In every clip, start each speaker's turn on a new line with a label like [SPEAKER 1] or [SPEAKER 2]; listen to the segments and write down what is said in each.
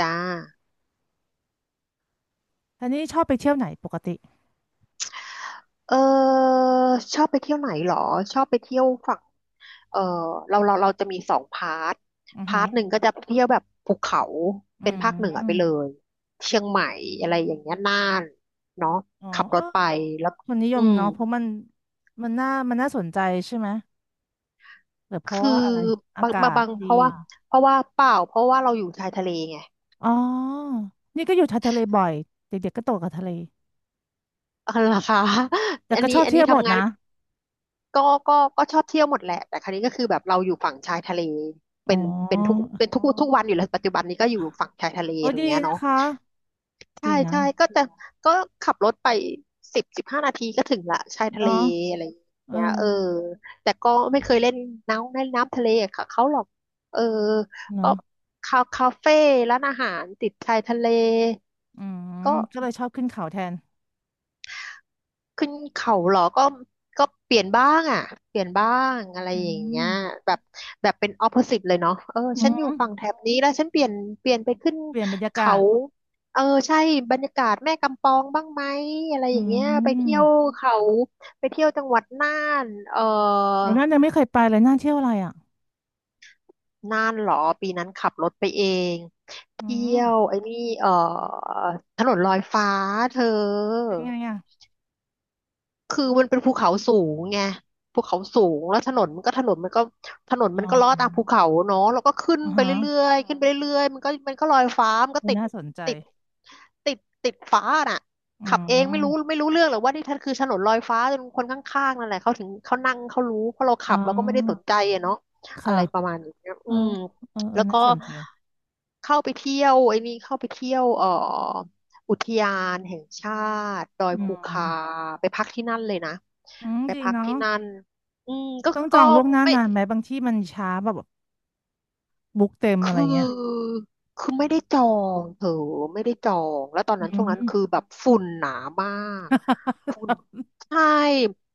[SPEAKER 1] จ้า
[SPEAKER 2] ท่านี้ชอบไปเที่ยวไหนปกติ
[SPEAKER 1] เออชอบไปเที่ยวไหนเหรอ ชอบไปเที่ยวฝั่งเออเราจะมีสองพาร์ท
[SPEAKER 2] อือ
[SPEAKER 1] พา
[SPEAKER 2] หื
[SPEAKER 1] ร์
[SPEAKER 2] อ
[SPEAKER 1] ทหนึ่งก็จะเที่ยวแบบภูเขา
[SPEAKER 2] อื
[SPEAKER 1] เป็นภาคเหนือไปเล
[SPEAKER 2] ม
[SPEAKER 1] ย เชียงใหม่อะไรอย่างเงี้ยน่านเนาะ
[SPEAKER 2] อ๋อ
[SPEAKER 1] ขับ
[SPEAKER 2] เอ
[SPEAKER 1] ร
[SPEAKER 2] อ
[SPEAKER 1] ถไปแล้ว
[SPEAKER 2] คนนิย
[SPEAKER 1] อื
[SPEAKER 2] ม
[SPEAKER 1] ม
[SPEAKER 2] เนาะเพราะมันมันน่าสนใจใช่ไหมหรือเพราะ
[SPEAKER 1] คื
[SPEAKER 2] ว่า
[SPEAKER 1] อ
[SPEAKER 2] อะไรอา
[SPEAKER 1] บาง
[SPEAKER 2] กา
[SPEAKER 1] บาง
[SPEAKER 2] ศ
[SPEAKER 1] บาง
[SPEAKER 2] ดี
[SPEAKER 1] เพราะว่าเปล่า เพราะว่าเราอยู่ชายทะเลไง
[SPEAKER 2] อ๋อนี่ก็อยู่ทะเลบ่อยเด็กๆก็โตกับทะเล
[SPEAKER 1] เออเหรอคะ
[SPEAKER 2] แต่
[SPEAKER 1] อัน
[SPEAKER 2] ก็
[SPEAKER 1] นี้
[SPEAKER 2] ชอบ
[SPEAKER 1] อัน
[SPEAKER 2] เที่
[SPEAKER 1] นี้
[SPEAKER 2] ยวหมด
[SPEAKER 1] ทำงาน
[SPEAKER 2] นะ
[SPEAKER 1] ก็ก็ชอบเที่ยวหมดแหละ แต่ครั้นี้ก็คือแบบเราอยู่ฝั่งชายทะเล
[SPEAKER 2] อ๋อ
[SPEAKER 1] เป็นเป็นทุกวันอยู่แล้วปัจจุบันนี้ก็อยู่ฝั่งชายทะเล
[SPEAKER 2] โอ้
[SPEAKER 1] อย่าง
[SPEAKER 2] ดี
[SPEAKER 1] เงี้ย
[SPEAKER 2] นะ
[SPEAKER 1] เนาะ
[SPEAKER 2] คะ
[SPEAKER 1] ใช่
[SPEAKER 2] ดีนะ
[SPEAKER 1] ใช่ก็จะก็ขับรถไปสิบห้านาทีก็ถึงละชายทะเล
[SPEAKER 2] เนาะ
[SPEAKER 1] อะไรอย่าง
[SPEAKER 2] เออ
[SPEAKER 1] เงี้ยเออแต่ก็ไม่เคยเล่นน้ำเล่นน้ำทะเลค่ะเขาหรอกเออก็
[SPEAKER 2] เนาะ
[SPEAKER 1] คาเฟ่ร้านอาหารติดชายทะเล
[SPEAKER 2] อืม
[SPEAKER 1] ก็
[SPEAKER 2] ก็เลยชอบขึ้นเขาแทน
[SPEAKER 1] ขึ้นเขาเหรอก็เปลี่ยนบ้างอ่ะเปลี่ยนบ้างอะไร
[SPEAKER 2] อื
[SPEAKER 1] อย่างเงี้ย
[SPEAKER 2] ม
[SPEAKER 1] แบบแบบเป็นออ p o s สิ e เลยเนาะเออ
[SPEAKER 2] อื
[SPEAKER 1] ฉันอยู่
[SPEAKER 2] ม
[SPEAKER 1] ฝั่งแถบนี้แล้วฉันเปลี่ยนไปขึ้น
[SPEAKER 2] เปลี่ยนบรรยา
[SPEAKER 1] เขา
[SPEAKER 2] กาศ
[SPEAKER 1] เออ ใช่ บรรยากาศแม่กำปองบ้างไหมอะไรอ
[SPEAKER 2] อื
[SPEAKER 1] ย่างเงี้ยไปเที่ยว
[SPEAKER 2] ม
[SPEAKER 1] เขาไปเที่ยวจังหวัดน่านเออ
[SPEAKER 2] วันนั้นยังไม่เคยไปเลยน่าเที่ยวอะไรอ่ะ
[SPEAKER 1] น่านเหรอ ปีนั้นขับรถไปเอง
[SPEAKER 2] อื
[SPEAKER 1] เที่ย
[SPEAKER 2] ม
[SPEAKER 1] วไอ้นี่เออถนนลอยฟ้าเธอ
[SPEAKER 2] เป็นไงอ่ะ
[SPEAKER 1] คือมันเป็นภูเขาสูงไงภูเขาสูงแล้วถนน
[SPEAKER 2] อ๋
[SPEAKER 1] มั
[SPEAKER 2] อ
[SPEAKER 1] นก็ลอดตามภูเขาเนาะแล้วก็ขึ้น
[SPEAKER 2] อ่า
[SPEAKER 1] ไป
[SPEAKER 2] ฮะ
[SPEAKER 1] เรื่อยๆขึ้นไปเรื่อยๆมันก็ลอยฟ้ามันก็
[SPEAKER 2] เออน่าสนใจ
[SPEAKER 1] ติดติดติดฟ้าน่ะ
[SPEAKER 2] อื
[SPEAKER 1] ขับเอง
[SPEAKER 2] ม
[SPEAKER 1] ไม่รู้เรื่องหรอกว่านี่ท่านคือถนนลอยฟ้าจนคนข้างๆนั่นแหละเขาถึงเขานั่งเขารู้เพราะเรา
[SPEAKER 2] อ๋
[SPEAKER 1] ขั
[SPEAKER 2] อ
[SPEAKER 1] บเราก็ไม่ได้สนใจอะเนาะอะ
[SPEAKER 2] ค่ะ
[SPEAKER 1] ไรประมาณนี้
[SPEAKER 2] เอ
[SPEAKER 1] อื
[SPEAKER 2] อ
[SPEAKER 1] ม
[SPEAKER 2] เออเออ
[SPEAKER 1] แล้วก็
[SPEAKER 2] น่าสนใจ
[SPEAKER 1] เข้าไปเที่ยวไอ้นี่เข้าไปเที่ยวอุทยานแห่งชาติดอย
[SPEAKER 2] อื
[SPEAKER 1] ภู
[SPEAKER 2] ม
[SPEAKER 1] คาไปพักที่นั่นเลยนะ
[SPEAKER 2] อืม
[SPEAKER 1] ไป
[SPEAKER 2] ดี
[SPEAKER 1] พัก
[SPEAKER 2] เนาะ
[SPEAKER 1] ที่นั่นอืมก็
[SPEAKER 2] ต้องจ
[SPEAKER 1] ก็
[SPEAKER 2] องล่วงหน้า
[SPEAKER 1] ไม่
[SPEAKER 2] นานไหมบางที่มันช้าแบบบุ๊กเต็มอะ
[SPEAKER 1] คื
[SPEAKER 2] ไรเงี้ย
[SPEAKER 1] อคือไม่ได้จองเถอะไม่ได้จองแล้วตอน
[SPEAKER 2] อื
[SPEAKER 1] นั้นช่วง
[SPEAKER 2] ม
[SPEAKER 1] นั้นคือแบบฝุ่นหนามาก ฝุ่นใช่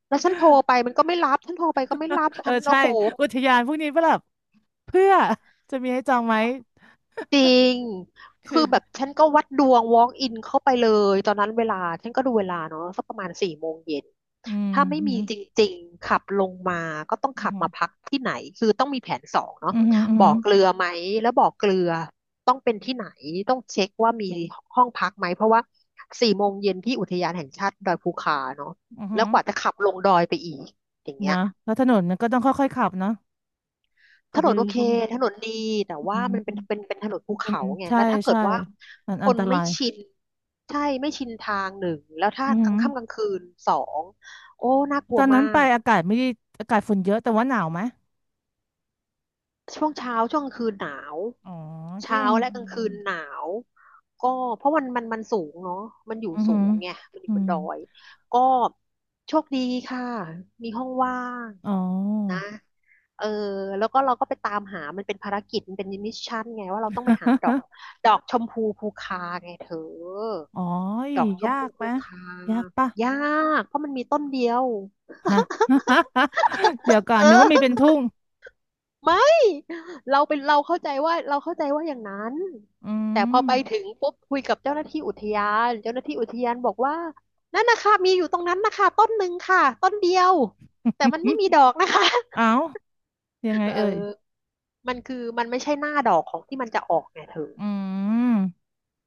[SPEAKER 1] แล้วฉันโทรไปมันก็ไม่รับฉันโทรไปก็ไม่รับ
[SPEAKER 2] เอ
[SPEAKER 1] ฉั
[SPEAKER 2] อ
[SPEAKER 1] นโอ้
[SPEAKER 2] ใช่
[SPEAKER 1] โห
[SPEAKER 2] อุทยานพวกนี้ก็แบบเพื่อจะมีให้จองไหม
[SPEAKER 1] จริง
[SPEAKER 2] คื
[SPEAKER 1] คื
[SPEAKER 2] อ
[SPEAKER 1] อแบบฉันก็วัดดวง walk in เข้าไปเลยตอนนั้นเวลาฉันก็ดูเวลาเนาะสักประมาณสี่โมงเย็น
[SPEAKER 2] อืม
[SPEAKER 1] ถ้าไม่
[SPEAKER 2] อื
[SPEAKER 1] มี
[SPEAKER 2] ม
[SPEAKER 1] จริงๆขับลงมาก็ต้อง
[SPEAKER 2] อื
[SPEAKER 1] ขับมา
[SPEAKER 2] ม
[SPEAKER 1] พักที่ไหนคือต้องมีแผนสองเนาะ
[SPEAKER 2] อืมอืม
[SPEAKER 1] บ่อเกลือไหมแล้วบ่อเกลือต้องเป็นที่ไหนต้องเช็คว่ามีห้องพักไหมเพราะว่าสี่โมงเย็นที่อุทยานแห่งชาติดอยภูคาเนาะ
[SPEAKER 2] อื
[SPEAKER 1] แล้ว
[SPEAKER 2] ม
[SPEAKER 1] กว่าจะขับลงดอยไปอีกอย่างเงี้
[SPEAKER 2] นะ
[SPEAKER 1] ย
[SPEAKER 2] แล้วถนนก็ต้องค่อยๆขับเนอะ
[SPEAKER 1] ถ
[SPEAKER 2] ขับ
[SPEAKER 1] นน
[SPEAKER 2] เร็
[SPEAKER 1] โอ
[SPEAKER 2] ว
[SPEAKER 1] เค
[SPEAKER 2] ก็ไม่
[SPEAKER 1] ถนนดีแต่
[SPEAKER 2] อื
[SPEAKER 1] ว่ามัน
[SPEAKER 2] ม
[SPEAKER 1] เป็นถนนภู
[SPEAKER 2] เป็น
[SPEAKER 1] เขาไง
[SPEAKER 2] ใช่
[SPEAKER 1] แล้วถ้าเกิด
[SPEAKER 2] ใช่
[SPEAKER 1] ว่า
[SPEAKER 2] มัน
[SPEAKER 1] ค
[SPEAKER 2] อัน
[SPEAKER 1] น
[SPEAKER 2] ต
[SPEAKER 1] ไม่
[SPEAKER 2] ราย
[SPEAKER 1] ชินใช่ไม่ชินทางหนึ่งแล้วถ้า
[SPEAKER 2] อือ
[SPEAKER 1] ก
[SPEAKER 2] หื
[SPEAKER 1] ลาง
[SPEAKER 2] อ
[SPEAKER 1] ค่ำกลางคืนสองโอ้น่ากลั
[SPEAKER 2] ต
[SPEAKER 1] ว
[SPEAKER 2] อน
[SPEAKER 1] มา
[SPEAKER 2] นั้นไป
[SPEAKER 1] ก
[SPEAKER 2] อากาศไม่ได้อากาศฝนเยอะแต่ว่าหนาวไหม
[SPEAKER 1] ช่วงเช้าช่วงกลางคืนหนาว
[SPEAKER 2] อ๋อก็
[SPEAKER 1] เช้า
[SPEAKER 2] ยัง
[SPEAKER 1] และ
[SPEAKER 2] ดี
[SPEAKER 1] กลางคืนหนาวก็เพราะมันสูงเนาะมันอยู่
[SPEAKER 2] อือ
[SPEAKER 1] สู
[SPEAKER 2] หือ
[SPEAKER 1] งไงมันอยู่
[SPEAKER 2] อื
[SPEAKER 1] บน
[SPEAKER 2] ม
[SPEAKER 1] ดอยก็โชคดีค่ะมีห้องว่าง
[SPEAKER 2] อ๋
[SPEAKER 1] นะ
[SPEAKER 2] อ
[SPEAKER 1] เออแล้วก็เราก็ไปตามหามันเป็นภารกิจมันเป็นมิชชั่นไงว่าเราต้องไปหาดอกดอกชมพูภูคาไงเธอ
[SPEAKER 2] อ๋อย
[SPEAKER 1] ดอกชม
[SPEAKER 2] ยา
[SPEAKER 1] พู
[SPEAKER 2] กไห
[SPEAKER 1] ภู
[SPEAKER 2] ม
[SPEAKER 1] คา
[SPEAKER 2] ยากปะ
[SPEAKER 1] ยากเพราะมันมีต้นเดียว
[SPEAKER 2] ฮะ เดี๋ยวก่อ
[SPEAKER 1] เอ
[SPEAKER 2] นเดี๋ยวก็
[SPEAKER 1] อ
[SPEAKER 2] มีเป็นทุ่ง
[SPEAKER 1] ไม่เราเป็นเราเข้าใจว่าเราเข้าใจว่าอย่างนั้น
[SPEAKER 2] อื
[SPEAKER 1] แต่พอ
[SPEAKER 2] ม
[SPEAKER 1] ไปถึงปุ๊บคุยกับเจ้าหน้าที่อุทยานเจ้าหน้าที่อุทยานบอกว่านั่นนะคะมีอยู่ตรงนั้นนะคะต้นหนึ่งค่ะต้นเดียว แต่มันไม่ มีดอกนะคะ
[SPEAKER 2] เอ้ายังไง
[SPEAKER 1] เอ
[SPEAKER 2] เอ่
[SPEAKER 1] อ
[SPEAKER 2] ย
[SPEAKER 1] มันคือมันไม่ใช่หน้าดอกของที่มันจะออกไงเธอ
[SPEAKER 2] อืม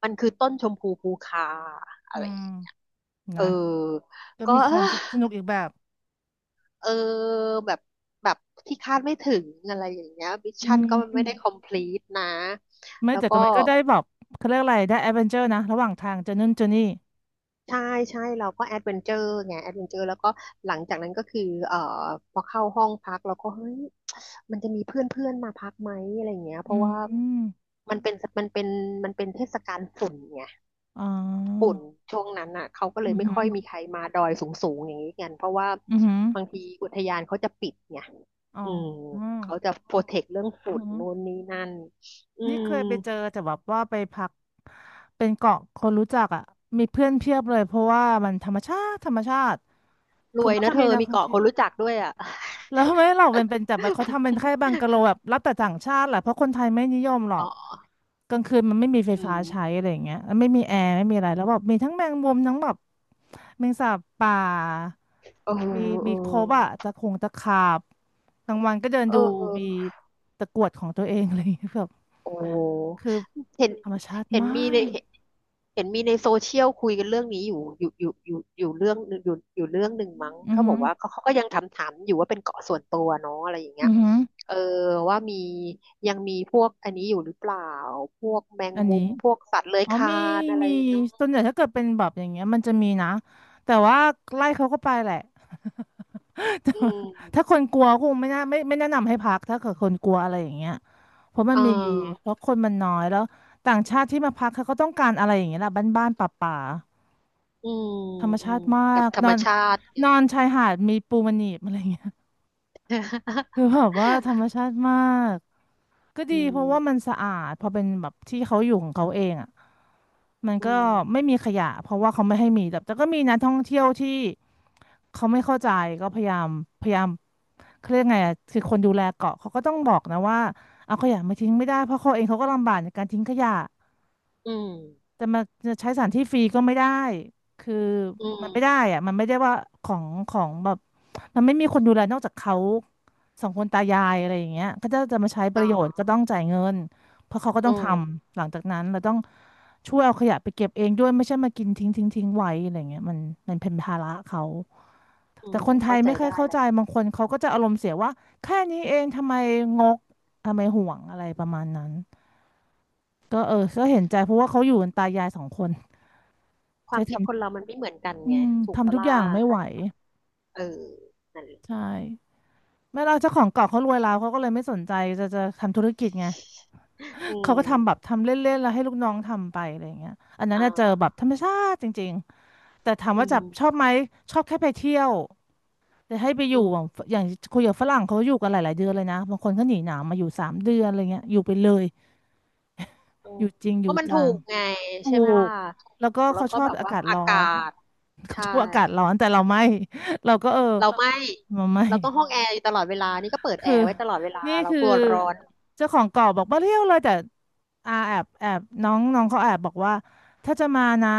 [SPEAKER 1] มันคือต้นชมพูภูคาอะ
[SPEAKER 2] อื
[SPEAKER 1] ไรอ
[SPEAKER 2] ม
[SPEAKER 1] ย่างเงี้ยเอ
[SPEAKER 2] นะ
[SPEAKER 1] อ
[SPEAKER 2] ก็
[SPEAKER 1] ก็
[SPEAKER 2] มี
[SPEAKER 1] เอ
[SPEAKER 2] ค
[SPEAKER 1] อ
[SPEAKER 2] วามสนุกอีกแบบ
[SPEAKER 1] เออแบบแบบที่คาดไม่ถึงอะไรอย่างเงี้ยมิช
[SPEAKER 2] อื
[SPEAKER 1] ชั่นก็
[SPEAKER 2] ม
[SPEAKER 1] ไม่ได้ complete นะ
[SPEAKER 2] ไม่
[SPEAKER 1] แล้ว
[SPEAKER 2] แต่
[SPEAKER 1] ก็
[SPEAKER 2] ก็มันก็ได้แบบเขาเรียกอะไรได้แอดเวนเจอร์นะ ระหว่างทางเจอนู่นเจอนี่
[SPEAKER 1] ใช่ใช่เราก็แอดเวนเจอร์ไงแอดเวนเจอร์แล้วก็หลังจากนั้นก็คือเอ่อพอเข้าห้องพักเราก็เฮ้ยมันจะมีเพื่อนเพื่อนมาพักไหมอะไรอย่างเงี้ยเพ
[SPEAKER 2] อื
[SPEAKER 1] ราะว่า
[SPEAKER 2] ม
[SPEAKER 1] มันเป็นมันเป็นมันเป็นเทศกาลฝุ่นไง
[SPEAKER 2] อ๋อ
[SPEAKER 1] ฝุ่นช่วงนั้นอ่ะเขาก็เล
[SPEAKER 2] อื
[SPEAKER 1] ย
[SPEAKER 2] อ
[SPEAKER 1] ไม่
[SPEAKER 2] หือ
[SPEAKER 1] ค่อยมีใครมาดอยสูงสูงอย่างนี้กันเพราะว่า
[SPEAKER 2] อือหือ
[SPEAKER 1] บางทีอุทยานเขาจะปิดไง
[SPEAKER 2] อ๋อ
[SPEAKER 1] อืม
[SPEAKER 2] อืม
[SPEAKER 1] เขาจะโปรเทคเรื่องฝุ่
[SPEAKER 2] อือ
[SPEAKER 1] น
[SPEAKER 2] หือ
[SPEAKER 1] นู่นนี่นั่นอื
[SPEAKER 2] นี่
[SPEAKER 1] ม
[SPEAKER 2] เคยไปเจอแต่แบบว่าไปพักเป็นเกาะคนรู้จักอ่ะมีเพื่อนเพียบเลยเพราะว่ามันธรรมชาติ
[SPEAKER 1] ร
[SPEAKER 2] คือ
[SPEAKER 1] วย
[SPEAKER 2] ไม่
[SPEAKER 1] นะ
[SPEAKER 2] ค่อย
[SPEAKER 1] เธอ
[SPEAKER 2] มีนัก
[SPEAKER 1] มี
[SPEAKER 2] ท่อง
[SPEAKER 1] เกาะ
[SPEAKER 2] เที่
[SPEAKER 1] ค
[SPEAKER 2] ยว
[SPEAKER 1] นรู้จักด้วยอ่ะ
[SPEAKER 2] แล้วทำไมเราเป็นจับแบบเขาทำเป็นแค่บังกะโล แบบรับแต่ต่างชาติแหละเพราะคนไทยไม่นิยมหรอ
[SPEAKER 1] อ๋
[SPEAKER 2] ก
[SPEAKER 1] อ
[SPEAKER 2] กลางคืนมันไม่มีไฟ
[SPEAKER 1] อื
[SPEAKER 2] ฟ้า
[SPEAKER 1] ม
[SPEAKER 2] ใช้อะไรอย่างเงี้ยแล้วไม่มีแอร์ไม่มีอะ
[SPEAKER 1] อื
[SPEAKER 2] ไร
[SPEAKER 1] ม
[SPEAKER 2] แล้วแบบมีทั้งแมงมุมทั้งแบบแมงสาบป่า
[SPEAKER 1] เออ
[SPEAKER 2] มี
[SPEAKER 1] เอ
[SPEAKER 2] ครบอะ
[SPEAKER 1] อ
[SPEAKER 2] ตะขงตะขาบกลางวันก็เดิน
[SPEAKER 1] เอ
[SPEAKER 2] ดูมี
[SPEAKER 1] อ
[SPEAKER 2] ตะกรวดของตัวเองอะไรอย่างเงี้ยแบบ
[SPEAKER 1] โอ้
[SPEAKER 2] คือ
[SPEAKER 1] เห็น
[SPEAKER 2] ธรรมชาติ
[SPEAKER 1] เห็น
[SPEAKER 2] มา
[SPEAKER 1] มีใน
[SPEAKER 2] ก
[SPEAKER 1] เห็นมีในโซเชียลคุยกันเรื่องนี้อยู่เรื่องอยู่อยู่เรื่องหนึ่งมั้ง
[SPEAKER 2] อือ
[SPEAKER 1] เขาบ
[SPEAKER 2] หื
[SPEAKER 1] อ
[SPEAKER 2] อ
[SPEAKER 1] กว่าเขาก็ยังถามอยู่ว่าเป็นเกาะส่วนตัวเนาะอะไรอย่างเงี้ย
[SPEAKER 2] อือหือ
[SPEAKER 1] เออว่ามียังมีพวกอันนี้อยู่หรือเปล่า พวกแมง
[SPEAKER 2] อัน
[SPEAKER 1] มุ
[SPEAKER 2] นี้
[SPEAKER 1] ม พวกสัตว์เลื้อย
[SPEAKER 2] อ๋อ
[SPEAKER 1] คลา
[SPEAKER 2] มี
[SPEAKER 1] นอะไร
[SPEAKER 2] มี
[SPEAKER 1] อย่างเงี้ย
[SPEAKER 2] ส่วนใหญ่ถ้าเกิดเป็นแบบอย่างเงี้ยมันจะมีนะแต่ว่าไล่เขาก็ไปแหละ แต่
[SPEAKER 1] อื
[SPEAKER 2] ว่า
[SPEAKER 1] ม
[SPEAKER 2] ถ้าคนกลัวคงไม่น่าไม่แนะนำให้พักถ้าเกิดคนกลัวอะไรอย่างเงี้ยเพราะมัน
[SPEAKER 1] อ่า
[SPEAKER 2] มีเพราะคนมันน้อยแล้วต่างชาติที่มาพักเขาก็ต้องการอะไรอย่างเงี้ยแหละบ้านๆป่า
[SPEAKER 1] อืม
[SPEAKER 2] ๆธรรม
[SPEAKER 1] อื
[SPEAKER 2] ชา
[SPEAKER 1] ม
[SPEAKER 2] ติมา
[SPEAKER 1] แบบ
[SPEAKER 2] ก
[SPEAKER 1] ธร
[SPEAKER 2] น
[SPEAKER 1] รม
[SPEAKER 2] อน
[SPEAKER 1] ชาติไง
[SPEAKER 2] นอนชายหาดมีปูมันหนีบอะไรอย่างเงี้ย คือแบบว่าธรรม ชาติมากก็ดี
[SPEAKER 1] อื
[SPEAKER 2] เพ
[SPEAKER 1] ม
[SPEAKER 2] ราะว่ามันสะอาดพอเป็นแบบที่เขาอยู่ของเขาเองอ่ะ มัน
[SPEAKER 1] อื
[SPEAKER 2] ก็
[SPEAKER 1] ม
[SPEAKER 2] ไม่มีขยะเพราะว่าเขาไม่ให้มีแต่ก็มีนักท่องเที่ยวที่เขาไม่เข้าใจก็พยายามพยายามเขาเรียกไงอะคือคนดูแลเกาะเขาก็ต้องบอกนะว่าเอาขยะมาทิ้งไม่ได้เพราะเขาเองเขาก็ลำบากในการทิ้งขยะ
[SPEAKER 1] อืม
[SPEAKER 2] แต่มาจะใช้สถานที่ฟรีก็ไม่ได้ คือ
[SPEAKER 1] อื
[SPEAKER 2] มัน
[SPEAKER 1] ม
[SPEAKER 2] ไม่ได้อะมันไม่ได้ว่าของแบบมันไม่มีคนดูแลนอกจากเขาสองคนตายายอะไรอย่างเงี้ยก็จะมาใช้ป
[SPEAKER 1] อ๋
[SPEAKER 2] ระโยชน์
[SPEAKER 1] อ
[SPEAKER 2] ก็ต้องจ่ายเงินเพราะเขาก็
[SPEAKER 1] อื
[SPEAKER 2] ต้องท
[SPEAKER 1] ม
[SPEAKER 2] ำหลังจากนั้นเราต้องช่วยเอาขยะไปเก็บเองด้วยไม่ใช่มากินทิ้งไว้อะไรเงี้ยมันมันเป็นภาระเขา
[SPEAKER 1] อื
[SPEAKER 2] แต่
[SPEAKER 1] ม
[SPEAKER 2] คนไท
[SPEAKER 1] เข้า
[SPEAKER 2] ย
[SPEAKER 1] ใจ
[SPEAKER 2] ไม่ค่อย
[SPEAKER 1] ได้
[SPEAKER 2] เข้า
[SPEAKER 1] แห
[SPEAKER 2] ใจ
[SPEAKER 1] ละ
[SPEAKER 2] บางคนเขาก็จะอารมณ์เสียว่าแค่นี้เองทำไมงกทำไมห่วงอะไรประมาณนั้นก็เออก็เห็นใจเพราะว่าเขาอยู่กันตายายสองคน
[SPEAKER 1] ควา
[SPEAKER 2] ใช้
[SPEAKER 1] ม
[SPEAKER 2] ท
[SPEAKER 1] คิดคนเรามันไม่เหมือนกัน
[SPEAKER 2] ำอื
[SPEAKER 1] ไง
[SPEAKER 2] ม
[SPEAKER 1] ถูก
[SPEAKER 2] ทำ
[SPEAKER 1] ปะ
[SPEAKER 2] ทุกอ
[SPEAKER 1] ล่ะ
[SPEAKER 2] ย่างไม่ไห
[SPEAKER 1] ถ้า
[SPEAKER 2] ว
[SPEAKER 1] เออนั่นแหละ
[SPEAKER 2] ใช่ไม่เราเจ้าของเก่าเขารวยแล้วเขาก็เลยไม่สนใจจะทำธุรกิจไง
[SPEAKER 1] อื
[SPEAKER 2] เขาก็ทำแบบ
[SPEAKER 1] ม
[SPEAKER 2] ทำเล่นๆแล้วให้ลูกน้องทำไปอะไรอย่างเงี้ยอันนั้น
[SPEAKER 1] อ่
[SPEAKER 2] น่ะเจอแบบ
[SPEAKER 1] า
[SPEAKER 2] ธรรมชาติจริงๆแต่ถาม
[SPEAKER 1] อื
[SPEAKER 2] ว่าจั
[SPEAKER 1] ม
[SPEAKER 2] บชอบไหมชอบแค่ไปเที่ยวแต่ให้ไปอ
[SPEAKER 1] อื
[SPEAKER 2] ยู่
[SPEAKER 1] ม
[SPEAKER 2] แบบอย่างคุยกับฝรั่งเขาอยู่กันหลายๆเดือนเลยนะบางคนเขาหนีหนาวมาอยู่สามเดือนอะไรเงี้ยอยู่ไปเลย
[SPEAKER 1] อื
[SPEAKER 2] อ
[SPEAKER 1] ม
[SPEAKER 2] ยู่จริงอ
[SPEAKER 1] ก็
[SPEAKER 2] ยู่
[SPEAKER 1] มัน
[SPEAKER 2] จั
[SPEAKER 1] ถู
[SPEAKER 2] ง
[SPEAKER 1] กไง
[SPEAKER 2] ถู
[SPEAKER 1] ใช่ไหมล่ะ
[SPEAKER 2] ก
[SPEAKER 1] ถูก
[SPEAKER 2] แล้วก็
[SPEAKER 1] แล้ว
[SPEAKER 2] เขา
[SPEAKER 1] ก็
[SPEAKER 2] ชอบ
[SPEAKER 1] แบบ
[SPEAKER 2] อา
[SPEAKER 1] ว่า
[SPEAKER 2] กาศ
[SPEAKER 1] อา
[SPEAKER 2] ร้อ
[SPEAKER 1] กา
[SPEAKER 2] น
[SPEAKER 1] ศ
[SPEAKER 2] เขา
[SPEAKER 1] ใช่
[SPEAKER 2] ชอบอากาศร้อนแต่เราไม่เราก็เออ
[SPEAKER 1] เราไม่
[SPEAKER 2] เราไม่
[SPEAKER 1] เราต้องห้องแอร์อยู่ตลอดเวลานี่ก็เปิดแอ
[SPEAKER 2] คือ
[SPEAKER 1] ร์ไว้ตลอดเวลา
[SPEAKER 2] นี่
[SPEAKER 1] เรา
[SPEAKER 2] คือ
[SPEAKER 1] กลัวร้อน
[SPEAKER 2] เจ้าของเก่าบอกมาเที่ยวเลยแต่อาแอบน้องน้องเขาแอบบอกว่าถ้าจะมานะ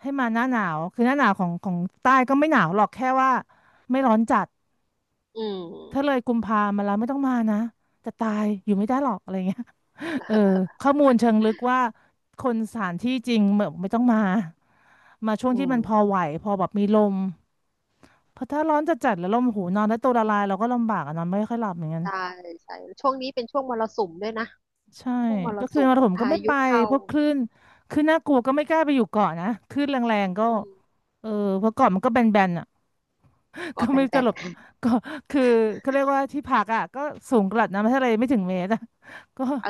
[SPEAKER 2] ให้มาหน้าหนาวคือหน้าหนาวของใต้ก็ไม่หนาวหรอกแค่ว่าไม่ร้อนจัด
[SPEAKER 1] อื
[SPEAKER 2] ถ้าเล
[SPEAKER 1] ม
[SPEAKER 2] ยกุมภามาแล้วไม่ต้องมานะจะตายอยู่ไม่ได้หรอกอะไรเงี้ยเออข้อมูลเชิงลึกว่าคนสถานที่จริงแบบไม่ต้องมามาช่วง
[SPEAKER 1] อื
[SPEAKER 2] ที่
[SPEAKER 1] ม
[SPEAKER 2] มันพอไหวพอแบบมีลมเพราะถ้าร้อนจัดๆแล้วลมหูนอนแล้วตัวละลายเราก็ลำบากอะนอนไม่ค่อยหลับเหมือนกัน
[SPEAKER 1] ใช่ใช่ช่วงนี้เป็นช่วงมรสุมด้วยนะ
[SPEAKER 2] ใช่
[SPEAKER 1] ช่วงมร
[SPEAKER 2] ก็คือ
[SPEAKER 1] สุ
[SPEAKER 2] ม
[SPEAKER 1] ม
[SPEAKER 2] รผมก็
[SPEAKER 1] พา
[SPEAKER 2] ไม่ไป
[SPEAKER 1] ยุเข้า
[SPEAKER 2] เพราะคลื่นน่ากลัวก็ไม่กล้าไปอยู่เกาะนะคลื่นแรงๆก็
[SPEAKER 1] อืม
[SPEAKER 2] เออเพราะเกาะมันก็แบนๆอ่ะ ก็
[SPEAKER 1] เกาะแบ
[SPEAKER 2] ไม่รู้จะห
[SPEAKER 1] น
[SPEAKER 2] ลบก็คือเขาเรียกว่าที่พักอ่ะก็สูงกระดับน้ำทะเลไม่ถึงเมตรอะ ก็
[SPEAKER 1] เออ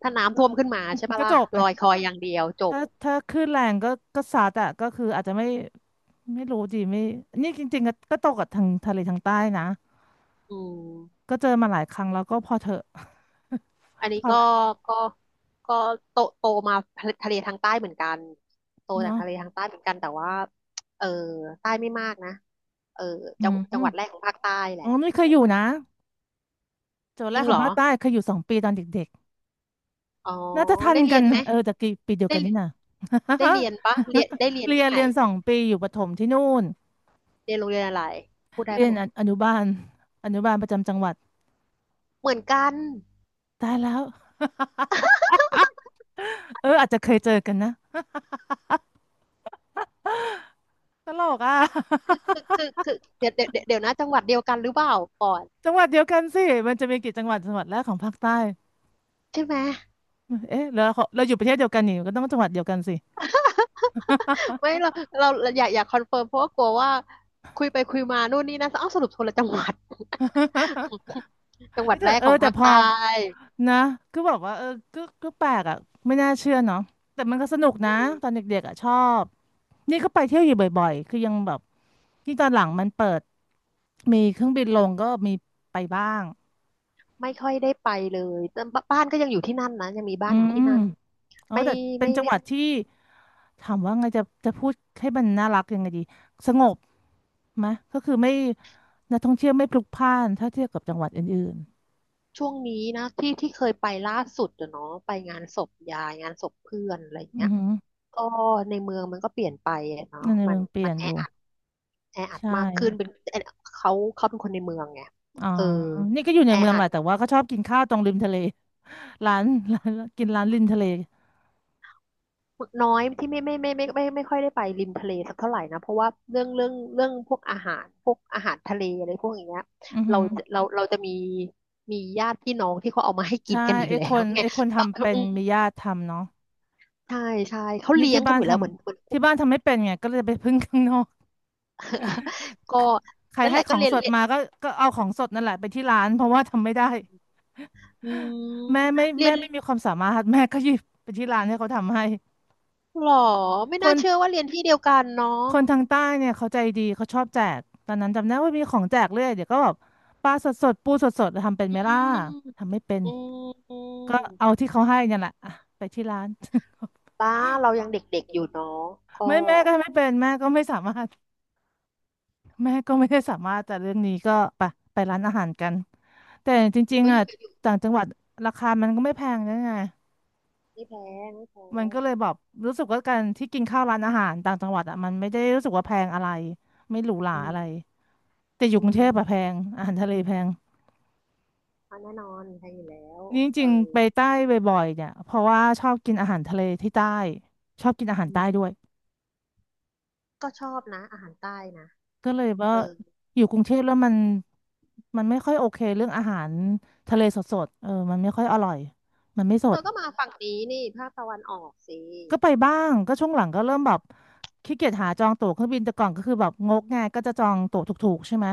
[SPEAKER 1] ถ้าน้ำท่วมขึ้นมาใช่ปะ
[SPEAKER 2] ก็จ
[SPEAKER 1] ล่ะ
[SPEAKER 2] บเล
[SPEAKER 1] ล
[SPEAKER 2] ย
[SPEAKER 1] อยคอยอย่างเดียวจบ
[SPEAKER 2] ถ้าคลื่นแรงก็ก็ซัดอ่ะก็คืออาจจะไม่ไม่รู้ดีไม่นี่จริงๆก็ตกกับทางทะเลทางใต้นะ
[SPEAKER 1] อืม
[SPEAKER 2] ก็เจอมาหลายครั้งแล้วก็พอเถอะ
[SPEAKER 1] อันนี้
[SPEAKER 2] พ
[SPEAKER 1] ก็
[SPEAKER 2] อละ
[SPEAKER 1] ก็ก็โตมาทะเลทางใต้เหมือนกันโตจาก
[SPEAKER 2] เนาะ
[SPEAKER 1] ทะเลทางใต้เหมือนกันแต่ว่าเออใต้ไม่มากนะเออ
[SPEAKER 2] อื
[SPEAKER 1] จัง
[SPEAKER 2] ม
[SPEAKER 1] จั
[SPEAKER 2] อื
[SPEAKER 1] ง
[SPEAKER 2] ม
[SPEAKER 1] หวัดแรกของภาคใต้แห
[SPEAKER 2] อ๋
[SPEAKER 1] ละ
[SPEAKER 2] อไม่เค
[SPEAKER 1] อะ
[SPEAKER 2] ย
[SPEAKER 1] ไร
[SPEAKER 2] อยู่นะเจอ
[SPEAKER 1] จ
[SPEAKER 2] แร
[SPEAKER 1] ริ
[SPEAKER 2] ก
[SPEAKER 1] ง
[SPEAKER 2] ขอ
[SPEAKER 1] เหร
[SPEAKER 2] ง
[SPEAKER 1] อ
[SPEAKER 2] ภาคใต้เคยอยู่สองปีตอนเด็ก
[SPEAKER 1] อ๋อ
[SPEAKER 2] น่าจะทัน
[SPEAKER 1] ได้เรี
[SPEAKER 2] กั
[SPEAKER 1] ย
[SPEAKER 2] น
[SPEAKER 1] นไหม
[SPEAKER 2] เออแต่กี่ปีเดียว
[SPEAKER 1] ได้
[SPEAKER 2] กันนี่นะ
[SPEAKER 1] ได้เรียนปะเรียน ได้เรียน
[SPEAKER 2] เรีย
[SPEAKER 1] ที่
[SPEAKER 2] น
[SPEAKER 1] ไหน
[SPEAKER 2] เรียน2 ปีอยู่ประถมที่นู่น
[SPEAKER 1] เรียนโรงเรียนอะไรพูดได้
[SPEAKER 2] เรีย
[SPEAKER 1] ปะ
[SPEAKER 2] น
[SPEAKER 1] เนี่
[SPEAKER 2] อ
[SPEAKER 1] ย
[SPEAKER 2] อนุบาลอนุบาลประจำจังหวัด
[SPEAKER 1] เหมือนกัน
[SPEAKER 2] ตายแล้วเอออาจจะเคยเจอกันนะตลกอ่ะ
[SPEAKER 1] คือ คือคือเดี๋ยวนะจังหวัดเดียวกันหรือเปล่าก่อน
[SPEAKER 2] จังหวัดเดียวกันสิมันจะมีกี่จังหวัดจังหวัดแรกของภาคใต้
[SPEAKER 1] ใช่ไหม
[SPEAKER 2] เอ๊ะแล้วเราอยู่ประเทศเดียวกันนี่ก็ต้องจังหวัดเดียวกันสิ
[SPEAKER 1] ไม่เราเราอยากคอนเฟิร์มเพราะว่ากลัวว่าคุยไปคุยมานู่นนี่นะอ้าวสรุปคนละจังหวัด จังหวั
[SPEAKER 2] เอ้
[SPEAKER 1] ด
[SPEAKER 2] ย
[SPEAKER 1] แร
[SPEAKER 2] แต่
[SPEAKER 1] ก
[SPEAKER 2] เอ
[SPEAKER 1] ขอ
[SPEAKER 2] อ
[SPEAKER 1] ง
[SPEAKER 2] แต่
[SPEAKER 1] ภาค
[SPEAKER 2] พอ
[SPEAKER 1] ใต้
[SPEAKER 2] นะก็แบบว่าเออก็แปลกอ่ะไม่น่าเชื่อเนาะแต่มันก็สนุกนะตอนเด็กๆอ่ะชอบนี่ก็ไปเที่ยวอยู่บ่อยๆคือยังแบบที่ตอนหลังมันเปิดมีเครื่องบินลงก็มีไปบ้าง
[SPEAKER 1] ไม่ค่อยได้ไปเลยแต่บบ้านก็ยังอยู่ที่นั่นนะยังมีบ้า
[SPEAKER 2] อื
[SPEAKER 1] นอยู่ที่
[SPEAKER 2] ม
[SPEAKER 1] นั่น
[SPEAKER 2] อ๋อ
[SPEAKER 1] ไม่
[SPEAKER 2] แต่เป็น
[SPEAKER 1] ไม่
[SPEAKER 2] จัง
[SPEAKER 1] ไม่
[SPEAKER 2] หวัดที่ถามว่าไงจะพูดให้มันน่ารักยังไงดีสงบไหมก็คือไม่นักท่องเที่ยวไม่พลุกพล่านถ้าเทียบกับจังหวัดอื่น
[SPEAKER 1] ช่วงนี้นะที่ที่เคยไปล่าสุดอะเนาะไปงานศพยายงานศพเพื่อนอะไรอย่าง
[SPEAKER 2] ๆอื
[SPEAKER 1] เงี้
[SPEAKER 2] อ
[SPEAKER 1] ย
[SPEAKER 2] หือ
[SPEAKER 1] ก็ในเมืองมันก็เปลี่ยนไปอะเนาะ
[SPEAKER 2] ใน
[SPEAKER 1] มั
[SPEAKER 2] เมื
[SPEAKER 1] น
[SPEAKER 2] องเปลี่
[SPEAKER 1] มั
[SPEAKER 2] ย
[SPEAKER 1] น
[SPEAKER 2] น
[SPEAKER 1] แอ
[SPEAKER 2] อยู่
[SPEAKER 1] อัดแออัด
[SPEAKER 2] ใช่
[SPEAKER 1] มากขึ้นเป็นเขาเขาเป็นคนในเมืองไง
[SPEAKER 2] อ๋อ
[SPEAKER 1] เออ
[SPEAKER 2] นี่ก็อยู่ใน
[SPEAKER 1] แอ
[SPEAKER 2] เมือง
[SPEAKER 1] อั
[SPEAKER 2] แห
[SPEAKER 1] ด
[SPEAKER 2] ละแต่ว่าก็ชอบกินข้าวตรงริมทะเล ร้านร้านกินร้านริมทะเล
[SPEAKER 1] น้อยที่ไม่ค่อยได้ไปริมทะเลสักเท่าไหร่นะเพราะว่าเรื่องพวกอาหารพวกอาหารทะเลอะไรพวกอย่างเงี้ย
[SPEAKER 2] อือหือ
[SPEAKER 1] เราจะมีมีญาติพี่น้องที่เขาเอามาให้กิน
[SPEAKER 2] ใช่
[SPEAKER 1] กันอยู่
[SPEAKER 2] ไอ้
[SPEAKER 1] แล้
[SPEAKER 2] ค
[SPEAKER 1] ว
[SPEAKER 2] น
[SPEAKER 1] ไง
[SPEAKER 2] ไอ้คน
[SPEAKER 1] ตอน
[SPEAKER 2] ทำเป็
[SPEAKER 1] อื
[SPEAKER 2] น
[SPEAKER 1] ม
[SPEAKER 2] มีญาติทำเนาะ
[SPEAKER 1] ใช่ใช่เขา
[SPEAKER 2] นี่
[SPEAKER 1] เลี้ย
[SPEAKER 2] ที่
[SPEAKER 1] งกัน
[SPEAKER 2] บ้า
[SPEAKER 1] อ
[SPEAKER 2] น
[SPEAKER 1] ยู่
[SPEAKER 2] ท
[SPEAKER 1] แล้วเหมือน
[SPEAKER 2] ำที่บ้านทำไม่เป็นไงก็เลยไปพึ่งข้างนอก
[SPEAKER 1] ก็
[SPEAKER 2] ใคร
[SPEAKER 1] นั่นแห
[SPEAKER 2] ให้
[SPEAKER 1] ละ
[SPEAKER 2] ข
[SPEAKER 1] ก็
[SPEAKER 2] อง
[SPEAKER 1] เรียน
[SPEAKER 2] สด
[SPEAKER 1] เรียน
[SPEAKER 2] มาก็ก็เอาของสดนั่นแหละไปที่ร้านเพราะว่าทำไม่ได้
[SPEAKER 1] อืมเรีย
[SPEAKER 2] แม่
[SPEAKER 1] น
[SPEAKER 2] ไม่มีความสามารถแม่ก็หยิบไปที่ร้านให้เขาทำให้
[SPEAKER 1] หรอไม่
[SPEAKER 2] ค
[SPEAKER 1] น่า
[SPEAKER 2] น
[SPEAKER 1] เชื่อว่าเรียนที่เดียวกันเนาะ
[SPEAKER 2] คนทางใต้เนี่ยเขาใจดีเขาชอบแจกตอนนั้นจำได้ว่ามีของแจกเรื่อยเดี๋ยวก็แบบปลาสดๆปูสดสดทำเป็น
[SPEAKER 1] อื
[SPEAKER 2] ไหมล่ะ
[SPEAKER 1] ม
[SPEAKER 2] ทำไม่เป็น
[SPEAKER 1] อืมอื
[SPEAKER 2] ก็
[SPEAKER 1] ม
[SPEAKER 2] เอาที่เขาให้เนี่ยแหละอ่ะไปที่ร้าน
[SPEAKER 1] ป้าเรายั งเด็กๆอยู่เนาะก็
[SPEAKER 2] ไม่แม่ก็ไม่เป็นแม่ก็ไม่สามารถแม่ก็ไม่ได้สามารถแต่เรื่องนี้ก็ไปไปร้านอาหารกันแต่จริง
[SPEAKER 1] ก็
[SPEAKER 2] ๆ
[SPEAKER 1] อ
[SPEAKER 2] อ่ะ
[SPEAKER 1] ยู่กัน
[SPEAKER 2] ต่างจังหวัดราคามันก็ไม่แพงนะไง
[SPEAKER 1] ไม่แพงไม่แพ
[SPEAKER 2] มัน
[SPEAKER 1] ง
[SPEAKER 2] ก็เลยแบบรู้สึกว่าการที่กินข้าวร้านอาหารต่างจังหวัดอ่ะมันไม่ได้รู้สึกว่าแพงอะไรไม่หรูหรา
[SPEAKER 1] อื
[SPEAKER 2] อะไร
[SPEAKER 1] ม
[SPEAKER 2] แต่อยู่ก
[SPEAKER 1] อื
[SPEAKER 2] รุงเท
[SPEAKER 1] ม
[SPEAKER 2] พอะแพงอาหารทะเลแพง
[SPEAKER 1] เพราะแน่นอนแพงอยู่แล้ว
[SPEAKER 2] นี่จ
[SPEAKER 1] เอ
[SPEAKER 2] ริง
[SPEAKER 1] อ
[SPEAKER 2] ๆไปใต้บ่อยๆเนี่ยเพราะว่าชอบกินอาหารทะเลที่ใต้ชอบกินอาหาร
[SPEAKER 1] อื
[SPEAKER 2] ใต้
[SPEAKER 1] ม
[SPEAKER 2] ด้วย
[SPEAKER 1] ก็ชอบนะ อาหารใต้นะ
[SPEAKER 2] ก็เลยว่า
[SPEAKER 1] เออ
[SPEAKER 2] อยู่กรุงเทพแล้วมันไม่ค่อยโอเคเรื่องอาหารทะเลสดๆเออมันไม่ค่อยอร่อยมันไม่ส
[SPEAKER 1] เธ
[SPEAKER 2] ด
[SPEAKER 1] อก็มาฝั่งนี้นี่ภาคตะวันออกสิ
[SPEAKER 2] ก็ไปบ้างก็ช่วงหลังก็เริ่มแบบขี้เกียจหาจองตั๋วเครื่องบินแต่ก่อนก็คือแบบงกง่ายก็จะจองตั๋วถูกๆใช่ไหม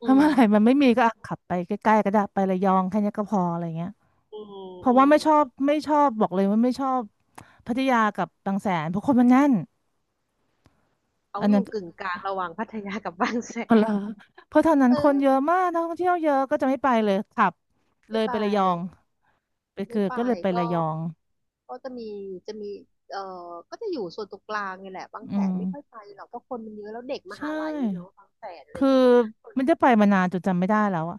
[SPEAKER 1] อื
[SPEAKER 2] ถ้าเมื่
[SPEAKER 1] ม
[SPEAKER 2] อไหร่มันไม่มีก็อ่ะขับไปใกล้ๆก็ได้ไประยองแค่เนี้ยก็พออะไรเงี้ย
[SPEAKER 1] อืม
[SPEAKER 2] เพราะ
[SPEAKER 1] อื
[SPEAKER 2] ว่า
[SPEAKER 1] ม
[SPEAKER 2] ไม่ชอบบอกเลยว่าไม่ชอบพัทยากับบางแสนเพราะคนมันแน่น
[SPEAKER 1] เขา
[SPEAKER 2] อัน
[SPEAKER 1] อ
[SPEAKER 2] นั้น
[SPEAKER 1] ยู่
[SPEAKER 2] ก็
[SPEAKER 1] กึ่งกลางระหว่างพัทยากับบางแส
[SPEAKER 2] อ๋อเหร
[SPEAKER 1] น
[SPEAKER 2] อเพราะเท่านั้น
[SPEAKER 1] เอ
[SPEAKER 2] ค
[SPEAKER 1] อ
[SPEAKER 2] นเยอะมากนักท่องเที่ยวเยอะก็จะไม่ไปเลยขับเล
[SPEAKER 1] ไม่
[SPEAKER 2] ย
[SPEAKER 1] ไป
[SPEAKER 2] ไประยอง ไป
[SPEAKER 1] ไม่
[SPEAKER 2] คือ
[SPEAKER 1] ไป
[SPEAKER 2] ก็เลยไประ
[SPEAKER 1] ก็
[SPEAKER 2] ยอง
[SPEAKER 1] ก็จะมีจะมีเออก็จะอยู่ส่วนตรงกลางนี่แหละบาง
[SPEAKER 2] อื
[SPEAKER 1] แส
[SPEAKER 2] ม
[SPEAKER 1] นไม่ค่อยไปหรอกเพราะคนมันเยอะแล้วเด็กม
[SPEAKER 2] ใช่
[SPEAKER 1] หาลัยเนาะบางแสนอะไร
[SPEAKER 2] คือ
[SPEAKER 1] เงี้ยคน
[SPEAKER 2] ไมันจะไปมานานจนจำไม่ได้แล้วอะ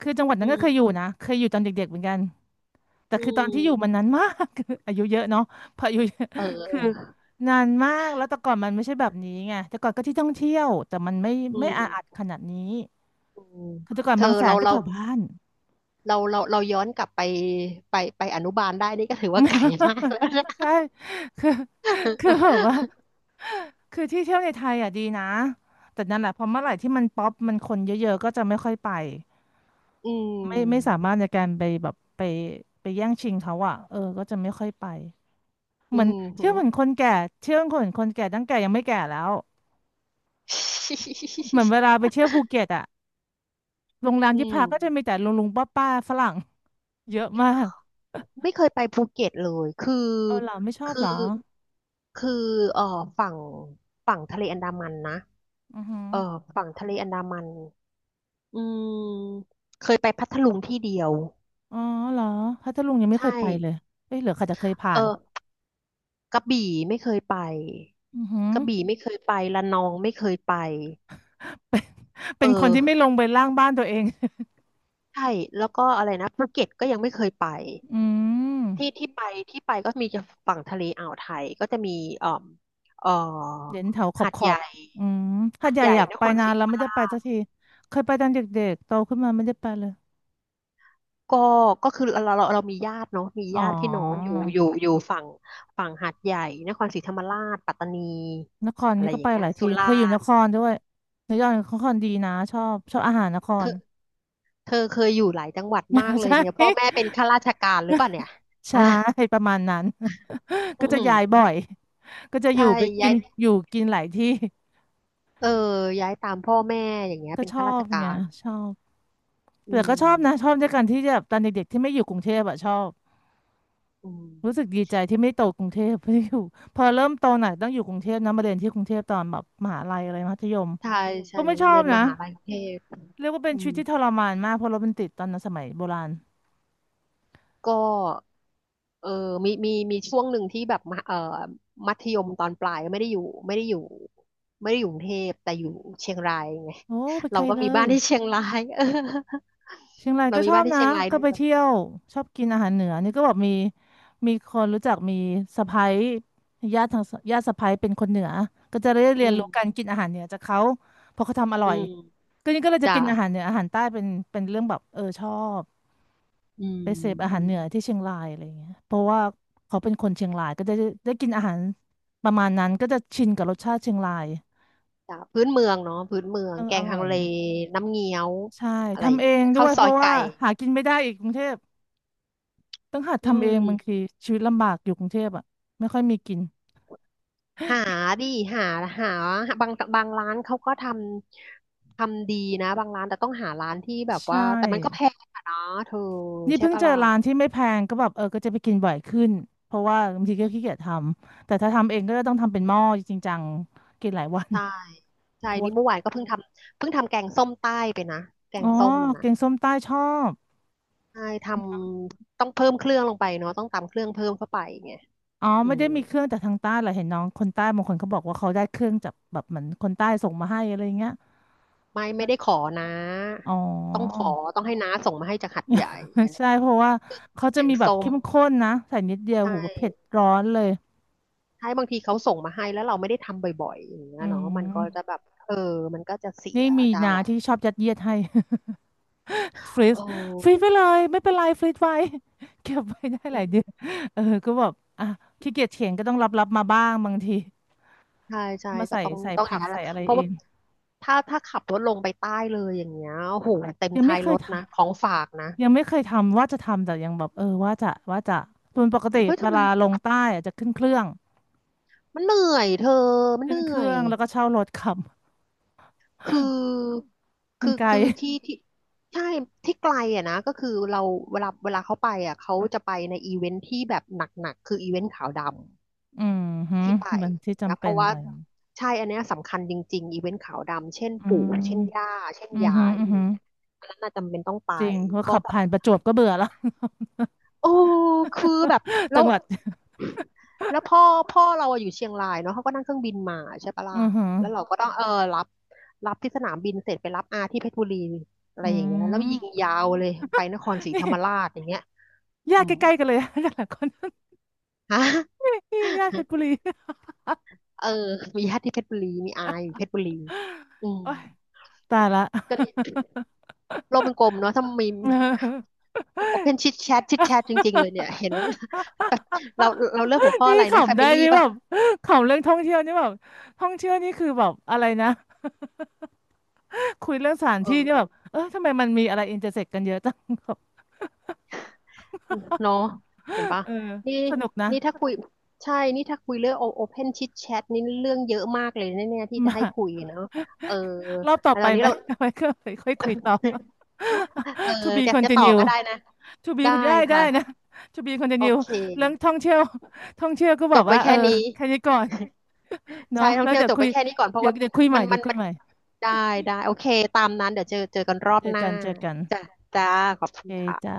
[SPEAKER 2] คือจังหวัด
[SPEAKER 1] อื
[SPEAKER 2] นั้นก็เคยอยู่
[SPEAKER 1] ม
[SPEAKER 2] นะ เคยอยู่ตอนเด็กๆเหมือนกัน แต่
[SPEAKER 1] อื
[SPEAKER 2] คือตอนที่อยู่มัน
[SPEAKER 1] ม
[SPEAKER 2] นานมาก อายุเยอะเนาะพออายุเยอะ
[SPEAKER 1] เ
[SPEAKER 2] คือ
[SPEAKER 1] ออ
[SPEAKER 2] นานมากแล้วแต่ก่อนมันไม่ใช่แบบนี้ไงแต่ก่อนก็ที่ท่องเที่ยว แต่มันไม่
[SPEAKER 1] อื
[SPEAKER 2] ไม่อาอัด
[SPEAKER 1] ม
[SPEAKER 2] ขนาดนี้
[SPEAKER 1] อืม
[SPEAKER 2] คือแต่ก่อน
[SPEAKER 1] เธอ
[SPEAKER 2] บางแส
[SPEAKER 1] เรา
[SPEAKER 2] นก็
[SPEAKER 1] เรา
[SPEAKER 2] แถวบ้าน
[SPEAKER 1] เราเราเราย้อนกลับไปไปอนุบาลได้นี่ก็ถือว่าไกลมากแล้วนะ
[SPEAKER 2] ใช่คือคือแบบว่า คือที่เที่ยวในไทยอ่ะดีนะแต่นั่นแหละพอเมื่อไหร่ที่มันป๊อปมันคนเยอะๆก็จะไม่ค่อยไป
[SPEAKER 1] อื
[SPEAKER 2] ไม่สา
[SPEAKER 1] ม
[SPEAKER 2] มารถในการไปแบบไปแย่งชิงเขาอ่ะเออก็จะไม่ค่อยไป
[SPEAKER 1] อื
[SPEAKER 2] เหมือน
[SPEAKER 1] มหื
[SPEAKER 2] เชื่อ
[SPEAKER 1] อ
[SPEAKER 2] เหมือนคนแก่เชื่อเหมือนคนแก่ตั้งแก่ยังไม่แก่แล้วเหมือนเวลาไป เที่ยวภูเก็ตอ่ะโรงแรม
[SPEAKER 1] อื
[SPEAKER 2] ที่
[SPEAKER 1] ม
[SPEAKER 2] พักก็จะมีแต่ลุงลุงป้าป้าฝรั่งเยอะมาก
[SPEAKER 1] ไม่เคยไปภูเก็ตเลยคือ
[SPEAKER 2] เออเหรอไม่ชอบ
[SPEAKER 1] คื
[SPEAKER 2] เหรอ
[SPEAKER 1] อคือเอ่อฝั่งฝั่งทะเลอันดามันนะ
[SPEAKER 2] อือหือ
[SPEAKER 1] เอ่อฝั่งทะเลอันดามันอืมเคยไปพัทลุงที่เดียว
[SPEAKER 2] อ๋อเหรอพัทลุงยังไม่
[SPEAKER 1] ใช่
[SPEAKER 2] เคยไปเลยเอ้ยเหลือใครจะเคยผ่า
[SPEAKER 1] เอ
[SPEAKER 2] น
[SPEAKER 1] อ กระบี่ไม่เคยไป
[SPEAKER 2] อือหือ
[SPEAKER 1] กระบี่ไม่เคยไประนองไม่เคยไปเอ
[SPEAKER 2] เป็
[SPEAKER 1] อ
[SPEAKER 2] นคนที่ไม่ลงไปล่างบ้านตัวเอง
[SPEAKER 1] ใช่แล้วก็อะไรนะภูเก็ตก็ยังไม่เคยไป
[SPEAKER 2] อืม
[SPEAKER 1] ที่ที่ไปที่ไปก็มีจะฝั่งทะเลอ่าวไทยก็จะมีเอ่อเอ่อ
[SPEAKER 2] เด่นแถวขอ
[SPEAKER 1] หา
[SPEAKER 2] บ
[SPEAKER 1] ด
[SPEAKER 2] ขอ
[SPEAKER 1] ให
[SPEAKER 2] บ
[SPEAKER 1] ญ่
[SPEAKER 2] อืมหา
[SPEAKER 1] หา
[SPEAKER 2] ด
[SPEAKER 1] ด
[SPEAKER 2] ใหญ่
[SPEAKER 1] ใหญ่
[SPEAKER 2] อยาก
[SPEAKER 1] นค
[SPEAKER 2] ไป
[SPEAKER 1] รศ
[SPEAKER 2] นา
[SPEAKER 1] รี
[SPEAKER 2] น
[SPEAKER 1] ธ
[SPEAKER 2] แล้
[SPEAKER 1] ร
[SPEAKER 2] ว
[SPEAKER 1] รม
[SPEAKER 2] ไม่ได้
[SPEAKER 1] รา
[SPEAKER 2] ไปสั
[SPEAKER 1] ช
[SPEAKER 2] กที เคยไปตอนเด็กๆโตขึ้นมาไม่ได้ไปเลย
[SPEAKER 1] ก็ก็คือเรามีญาติเนาะมี
[SPEAKER 2] อ๋อ
[SPEAKER 1] ญาติพี่น้องอยู่ฝั่งหาดใหญ่นครศรีธรรมราชปัตตานี
[SPEAKER 2] นคร
[SPEAKER 1] อะไร
[SPEAKER 2] นี่ก็
[SPEAKER 1] อย่า
[SPEAKER 2] ไป
[SPEAKER 1] งเงี้
[SPEAKER 2] ห
[SPEAKER 1] ย
[SPEAKER 2] ลายที
[SPEAKER 1] สุรา
[SPEAKER 2] เคยอยู่น
[SPEAKER 1] ษฎร์
[SPEAKER 2] ครด้วยนครดีนะชอบชอบอาหารนค
[SPEAKER 1] เธ
[SPEAKER 2] ร
[SPEAKER 1] อ เธอเคยอยู่หลายจังหวัดมาก เลย
[SPEAKER 2] ใช่
[SPEAKER 1] เนี่ยพ่อแม่เป็นข้าราชการหรือเปล่าเนี่ย
[SPEAKER 2] ใช่
[SPEAKER 1] อ่ะ
[SPEAKER 2] ประมาณนั้น
[SPEAKER 1] อื
[SPEAKER 2] ก็
[SPEAKER 1] อ
[SPEAKER 2] จะ
[SPEAKER 1] หือ
[SPEAKER 2] ย้ายบ่อย ก็จะอ
[SPEAKER 1] ใช่
[SPEAKER 2] ยู่ไปกิ
[SPEAKER 1] ย้า
[SPEAKER 2] น
[SPEAKER 1] ย
[SPEAKER 2] อยู่กินหลายที่
[SPEAKER 1] เออย้ายตามพ่อแม่อย่างเงี้ย
[SPEAKER 2] ก็
[SPEAKER 1] เป็น
[SPEAKER 2] ชอ
[SPEAKER 1] ข้าราช
[SPEAKER 2] บ
[SPEAKER 1] กา
[SPEAKER 2] ไง
[SPEAKER 1] ร
[SPEAKER 2] ชอบ
[SPEAKER 1] อื
[SPEAKER 2] แต่ก็
[SPEAKER 1] ม
[SPEAKER 2] ชอบนะชอบด้วยกันที่แบบตอนเด็กๆที่ไม่อยู่กรุงเทพอะชอบ
[SPEAKER 1] อืม
[SPEAKER 2] รู้สึกดีใจที่ไม่โตกรุงเทพเพราะอยู่ พอเริ่มโตหน่อยต้องอยู่กรุงเทพนะมาเรียนที่กรุงเทพตอนแบบมหาลัยอะไรมัธยม
[SPEAKER 1] ใช่ใช่
[SPEAKER 2] ก็ไม่ชอ
[SPEAKER 1] เรี
[SPEAKER 2] บ
[SPEAKER 1] ยนม
[SPEAKER 2] นะ
[SPEAKER 1] หาลัยกรุงเทพ
[SPEAKER 2] เรียกว่าเป็น
[SPEAKER 1] อื
[SPEAKER 2] ชีวิ
[SPEAKER 1] ม
[SPEAKER 2] ตที่ทรมานมากเพราะรถมันติดตอนนั้นสมัยโบราณ
[SPEAKER 1] ก็เออมีช่วงหนึ่งที่แบบมหเออมัธยมตอนปลายไม่ได้อยู่ไม่ได้อยู่กรุงเทพแต่อยู่เชียงรายไง
[SPEAKER 2] โอ้ไป
[SPEAKER 1] เรา
[SPEAKER 2] ไกล
[SPEAKER 1] ก็
[SPEAKER 2] เล
[SPEAKER 1] มีบ้า
[SPEAKER 2] ย
[SPEAKER 1] นที่เชียงราย เออ
[SPEAKER 2] เชียงราย
[SPEAKER 1] เรา
[SPEAKER 2] ก็
[SPEAKER 1] มี
[SPEAKER 2] ชอ
[SPEAKER 1] บ้า
[SPEAKER 2] บ
[SPEAKER 1] นที่
[SPEAKER 2] นะ
[SPEAKER 1] เชียงราย
[SPEAKER 2] ก็
[SPEAKER 1] ด้
[SPEAKER 2] ไป
[SPEAKER 1] วย
[SPEAKER 2] เที่ยวชอบกินอาหารเหนือนี่ก็แบบมีมีคนรู้จักมีสะใภ้ญาติทางญาติสะใภ้เป็นคนเหนือก็จะได้
[SPEAKER 1] อื
[SPEAKER 2] เรียน
[SPEAKER 1] ม
[SPEAKER 2] รู้การกินอาหารเหนือจากเขาเพราะเขาทำอร่
[SPEAKER 1] อื
[SPEAKER 2] อย
[SPEAKER 1] ม
[SPEAKER 2] ก็นี่ก็เลยจะ
[SPEAKER 1] จ้ะ
[SPEAKER 2] กินอาหารเหนืออาหารใต้เป็นเป็นเรื่องแบบเออชอบ
[SPEAKER 1] อืม
[SPEAKER 2] ไปเสพอา
[SPEAKER 1] อื
[SPEAKER 2] หาร
[SPEAKER 1] ม
[SPEAKER 2] เหนือที่เชียงรายอะไรอย่างเงี้ยเพราะว่าเขาเป็นคนเชียงรายก็จะได้กินอาหารประมาณนั้นก็จะชินกับรสชาติเชียงราย
[SPEAKER 1] จ้ะพื้นเมืองเนาะพื้นเมือง
[SPEAKER 2] เออ
[SPEAKER 1] แก
[SPEAKER 2] อ
[SPEAKER 1] ง
[SPEAKER 2] ร่
[SPEAKER 1] ฮั
[SPEAKER 2] อ
[SPEAKER 1] ง
[SPEAKER 2] ย
[SPEAKER 1] เลน้ำเงี้ยว
[SPEAKER 2] ใช่
[SPEAKER 1] อะไรอย่า
[SPEAKER 2] ทำ
[SPEAKER 1] ง
[SPEAKER 2] เอ
[SPEAKER 1] เงี้
[SPEAKER 2] ง
[SPEAKER 1] ย
[SPEAKER 2] ด้
[SPEAKER 1] ข้า
[SPEAKER 2] ว
[SPEAKER 1] ว
[SPEAKER 2] ย
[SPEAKER 1] ซ
[SPEAKER 2] เพ
[SPEAKER 1] อย
[SPEAKER 2] ราะ
[SPEAKER 1] ไก่
[SPEAKER 2] ว่าหากินไม่ได้อีกกรุงเทพต้องหัด
[SPEAKER 1] อื
[SPEAKER 2] ทำเองบางที
[SPEAKER 1] ม
[SPEAKER 2] ชีวิตลำบากอยู่กรุงเทพอ่ะไม่ค่อยมีกิน
[SPEAKER 1] หาดิหาหาบางบางร้านเขาก็ทำดีนะบางร้านแต่ต้องหาร้านที่แบบ
[SPEAKER 2] ใช่
[SPEAKER 1] ว่าแต่มันก็แพงอะเนาะเธอ
[SPEAKER 2] นี่
[SPEAKER 1] ใช่
[SPEAKER 2] เพิ่ง
[SPEAKER 1] ปะ
[SPEAKER 2] เจอ
[SPEAKER 1] ล่ะ
[SPEAKER 2] ร้านที่ไม่แพงก็แบบเออก็จะไปกินบ่อยขึ้นเพราะว่าบางทีก็ขี้เกียจทำแต่ถ้าทำเองก็จะต้องทำเป็นหม้อจริงจังกินหลายวัน
[SPEAKER 1] ใช่ใช่
[SPEAKER 2] เพราะ
[SPEAKER 1] นี่
[SPEAKER 2] ว่า
[SPEAKER 1] เมื่อวานก็เพิ่งทำแกงส้มใต้ไปนะแก
[SPEAKER 2] อ๋
[SPEAKER 1] ง
[SPEAKER 2] อ
[SPEAKER 1] ส้มนะ
[SPEAKER 2] แกงส้มใต้ชอบ
[SPEAKER 1] ใช่ทำต้องเพิ่มเครื่องลงไปเนาะต้องตำเครื่องเพิ่มเข้าไปไง
[SPEAKER 2] อ๋อ
[SPEAKER 1] อื
[SPEAKER 2] ไม่ได้
[SPEAKER 1] ม
[SPEAKER 2] มีเครื่องจากทางใต้เหรอเห็นน้องคนใต้บางคนเขาบอกว่าเขาได้เครื่องจากแบบเหมือนคนใต้ส่งมาให้อะไรอย่างเงี้ย
[SPEAKER 1] ไม่ได้ขอนะ
[SPEAKER 2] อ๋อ
[SPEAKER 1] ต้องขอต้องให้น้าส่งมาให้จากหัดใหญ่อะ ไร
[SPEAKER 2] ใช่เพราะว่า
[SPEAKER 1] เครื่อ
[SPEAKER 2] เขา
[SPEAKER 1] งแก
[SPEAKER 2] จะ
[SPEAKER 1] ง
[SPEAKER 2] มีแบบ
[SPEAKER 1] ส้ม
[SPEAKER 2] เข้มข้นนะใส่นิดเดียว
[SPEAKER 1] ใช่
[SPEAKER 2] โหูเผ็ดร้อนเลย
[SPEAKER 1] ใช่บางทีเขาส่งมาให้แล้วเราไม่ได้ทำบ่อยๆอย่างเงี้
[SPEAKER 2] อื
[SPEAKER 1] ยเนาะมันก็จะ
[SPEAKER 2] ม
[SPEAKER 1] แบบเออมันก็จะเสีย
[SPEAKER 2] นี่มี
[SPEAKER 1] จะอะ
[SPEAKER 2] นา
[SPEAKER 1] ไร
[SPEAKER 2] ที่ชอบยัดเยียดให้ ฟรี
[SPEAKER 1] เอ
[SPEAKER 2] ซฟรีซไป
[SPEAKER 1] อ
[SPEAKER 2] เลยไม่เป็นไรฟรีซไว้ เก็บไว้ได้หลายเดือน เออก็แบบอ่ะขี้เกียจเถียงก็ต้องรับมาบ้างบางที
[SPEAKER 1] ใช่ใช่
[SPEAKER 2] มา
[SPEAKER 1] ก็
[SPEAKER 2] ใส่
[SPEAKER 1] ต้อง
[SPEAKER 2] ใส่
[SPEAKER 1] ต้องอ
[SPEAKER 2] ผั
[SPEAKER 1] ย่าง
[SPEAKER 2] ก
[SPEAKER 1] นั้นแห
[SPEAKER 2] ใส่
[SPEAKER 1] ละ
[SPEAKER 2] อะไร
[SPEAKER 1] เพราะ
[SPEAKER 2] เอ
[SPEAKER 1] ว่า
[SPEAKER 2] ง
[SPEAKER 1] ถ้าขับรถลงไปใต้เลยอย่างเงี้ยโอ้โหเต็ม
[SPEAKER 2] ยัง
[SPEAKER 1] ท้า
[SPEAKER 2] ไม่
[SPEAKER 1] ย
[SPEAKER 2] เค
[SPEAKER 1] ร
[SPEAKER 2] ย
[SPEAKER 1] ถ
[SPEAKER 2] ทา
[SPEAKER 1] นะ
[SPEAKER 2] น
[SPEAKER 1] ของฝากนะ
[SPEAKER 2] ยังไม่เคยทำว่าจะทำแต่ยังแบบเออว่าจะส่วนปกติ
[SPEAKER 1] เฮ้ยเธ
[SPEAKER 2] เว
[SPEAKER 1] อมั
[SPEAKER 2] ลา
[SPEAKER 1] น
[SPEAKER 2] ลงใต้อะจะขึ้นเครื่อง
[SPEAKER 1] มันเหนื่อยเธอมันเห
[SPEAKER 2] ขึ้นเค
[SPEAKER 1] นื่อ
[SPEAKER 2] รื่
[SPEAKER 1] ย
[SPEAKER 2] องแล้วก็เช่ารถขับ
[SPEAKER 1] คือ
[SPEAKER 2] มั
[SPEAKER 1] คื
[SPEAKER 2] น
[SPEAKER 1] อ
[SPEAKER 2] ไกล
[SPEAKER 1] คือที่ที่ใช่ที่ไกลอ่ะนะก็คือเราเวลาเขาไปอ่ะเขาจะไปในอีเวนท์ที่แบบหนักๆคืออีเวนท์ขาวดำ
[SPEAKER 2] อืมฮึ
[SPEAKER 1] ที่ไป
[SPEAKER 2] มันที่
[SPEAKER 1] นะ
[SPEAKER 2] จำ
[SPEAKER 1] เพ
[SPEAKER 2] เป็น
[SPEAKER 1] ราะ
[SPEAKER 2] อะ
[SPEAKER 1] ว่า
[SPEAKER 2] ไรอย่างงี้
[SPEAKER 1] ใช่อันเนี้ยสำคัญจริงๆอีเวนท์ขาวดำเช่น
[SPEAKER 2] อื
[SPEAKER 1] ปู่เช่นย่า
[SPEAKER 2] ม
[SPEAKER 1] เช่น
[SPEAKER 2] อืม
[SPEAKER 1] ยา
[SPEAKER 2] ฮึ
[SPEAKER 1] ย
[SPEAKER 2] อืม
[SPEAKER 1] อย่า
[SPEAKER 2] ฮึ
[SPEAKER 1] งเงี้ยอันนั้นน่ะจำเป็นต้องไป
[SPEAKER 2] จริงเพราะ
[SPEAKER 1] ก็
[SPEAKER 2] ขับ
[SPEAKER 1] แบบ
[SPEAKER 2] ผ่านประจวบก็เบื่อแล้ว
[SPEAKER 1] โอ้คือแบบ แล้
[SPEAKER 2] จั
[SPEAKER 1] ว
[SPEAKER 2] งหวัด
[SPEAKER 1] แล้วพ่อเราอะอยู่เชียงรายเนาะเขาก็นั่งเครื่องบินมาใช่ปะล่ะ
[SPEAKER 2] อือฮึ
[SPEAKER 1] แล้วเราก็ต้องเออรับรับที่สนามบินเสร็จไปรับอาที่เพชรบุรีอะไร
[SPEAKER 2] อื
[SPEAKER 1] อย่างเงี้ยแล้วยิง
[SPEAKER 2] ม
[SPEAKER 1] ยาวเลยไปนครศรี
[SPEAKER 2] นี่
[SPEAKER 1] ธรรมราชอย่างเงี้ย
[SPEAKER 2] ญา
[SPEAKER 1] อื
[SPEAKER 2] ติ
[SPEAKER 1] ม
[SPEAKER 2] ใกล้ๆกันเลย แต่ละคน
[SPEAKER 1] ฮะ
[SPEAKER 2] นี่ญาติเพชรบุรี
[SPEAKER 1] เออมีญาติที่เพชรบุรีมีอาอยู่เพชรบุรีอืม
[SPEAKER 2] โอ้ยตายละ
[SPEAKER 1] ก็โลกมันกลมเนาะถ้ามี โอเพนชิดแชทชิดแชทจริงๆเลยเนี่ยเห็นว่า แบบเราเราเลือกหัวข้อ
[SPEAKER 2] นี่
[SPEAKER 1] อะไรนะแฟ
[SPEAKER 2] ขำได้
[SPEAKER 1] มิลี่
[SPEAKER 2] นี่แบ
[SPEAKER 1] ป่ะ
[SPEAKER 2] บ ขำเรื่องท่องเที่ยวนี่แบบท่องเที่ยวนี่คือแบบอะไรนะ คุยเรื่องสถาน
[SPEAKER 1] เอ
[SPEAKER 2] ที่
[SPEAKER 1] อ
[SPEAKER 2] นี่แบบเออทำไมมันมีอะไรอินเตอร์เซ็กกันเยอะจัง บ
[SPEAKER 1] เนาะเห็นปะ
[SPEAKER 2] เออ
[SPEAKER 1] นี่
[SPEAKER 2] สนุกนะ
[SPEAKER 1] นี่ถ้าคุยใช่นี่ถ้าคุยเรื่องโอเพนชิดแชทนี่เรื่องเยอะมากเลยแน่ๆที่ จะ
[SPEAKER 2] มา
[SPEAKER 1] ให้คุยเนาะเออ
[SPEAKER 2] รอบต่อ
[SPEAKER 1] แล้วต
[SPEAKER 2] ไป
[SPEAKER 1] อนนี้
[SPEAKER 2] ไหม
[SPEAKER 1] เรา
[SPEAKER 2] ไว้ก็ค่อยคอยคุยต่อ
[SPEAKER 1] เออ
[SPEAKER 2] to be
[SPEAKER 1] จะต่อ
[SPEAKER 2] continue
[SPEAKER 1] ก็ได้นะ
[SPEAKER 2] to be
[SPEAKER 1] ได้
[SPEAKER 2] คุณได้ได้นะ
[SPEAKER 1] ค่ะ
[SPEAKER 2] to be
[SPEAKER 1] โอ
[SPEAKER 2] continue
[SPEAKER 1] เค
[SPEAKER 2] เรื่องท่องเที่ยว ท่องเที่ยวก็บ
[SPEAKER 1] จ
[SPEAKER 2] อ
[SPEAKER 1] บ
[SPEAKER 2] ก
[SPEAKER 1] ไว้
[SPEAKER 2] ว่าเอ
[SPEAKER 1] แค่
[SPEAKER 2] อ
[SPEAKER 1] นี้
[SPEAKER 2] แค่นี้ก่อน
[SPEAKER 1] ใช่
[SPEAKER 2] เนาะ
[SPEAKER 1] ท่อง
[SPEAKER 2] แล้ว
[SPEAKER 1] เที่ยว
[SPEAKER 2] เดี๋ย
[SPEAKER 1] จ
[SPEAKER 2] ว
[SPEAKER 1] บ
[SPEAKER 2] คุ
[SPEAKER 1] ไว้
[SPEAKER 2] ย
[SPEAKER 1] แค่นี้ก่อนเพราะ
[SPEAKER 2] เดี๋ยว
[SPEAKER 1] ว่า
[SPEAKER 2] เดี๋ยวคุยให
[SPEAKER 1] มั
[SPEAKER 2] ม่
[SPEAKER 1] น
[SPEAKER 2] เดี๋
[SPEAKER 1] มั
[SPEAKER 2] ย
[SPEAKER 1] น
[SPEAKER 2] วคุย
[SPEAKER 1] มัน
[SPEAKER 2] ใหม่
[SPEAKER 1] ได้ได้โอเคตามนั้นเดี๋ยวเจอกันรอบ
[SPEAKER 2] เจอ
[SPEAKER 1] หน้า
[SPEAKER 2] กันเจอกัน
[SPEAKER 1] จ้ะจ้าขอบ
[SPEAKER 2] โอ
[SPEAKER 1] คุณ
[SPEAKER 2] เคจ้า
[SPEAKER 1] ค่ะ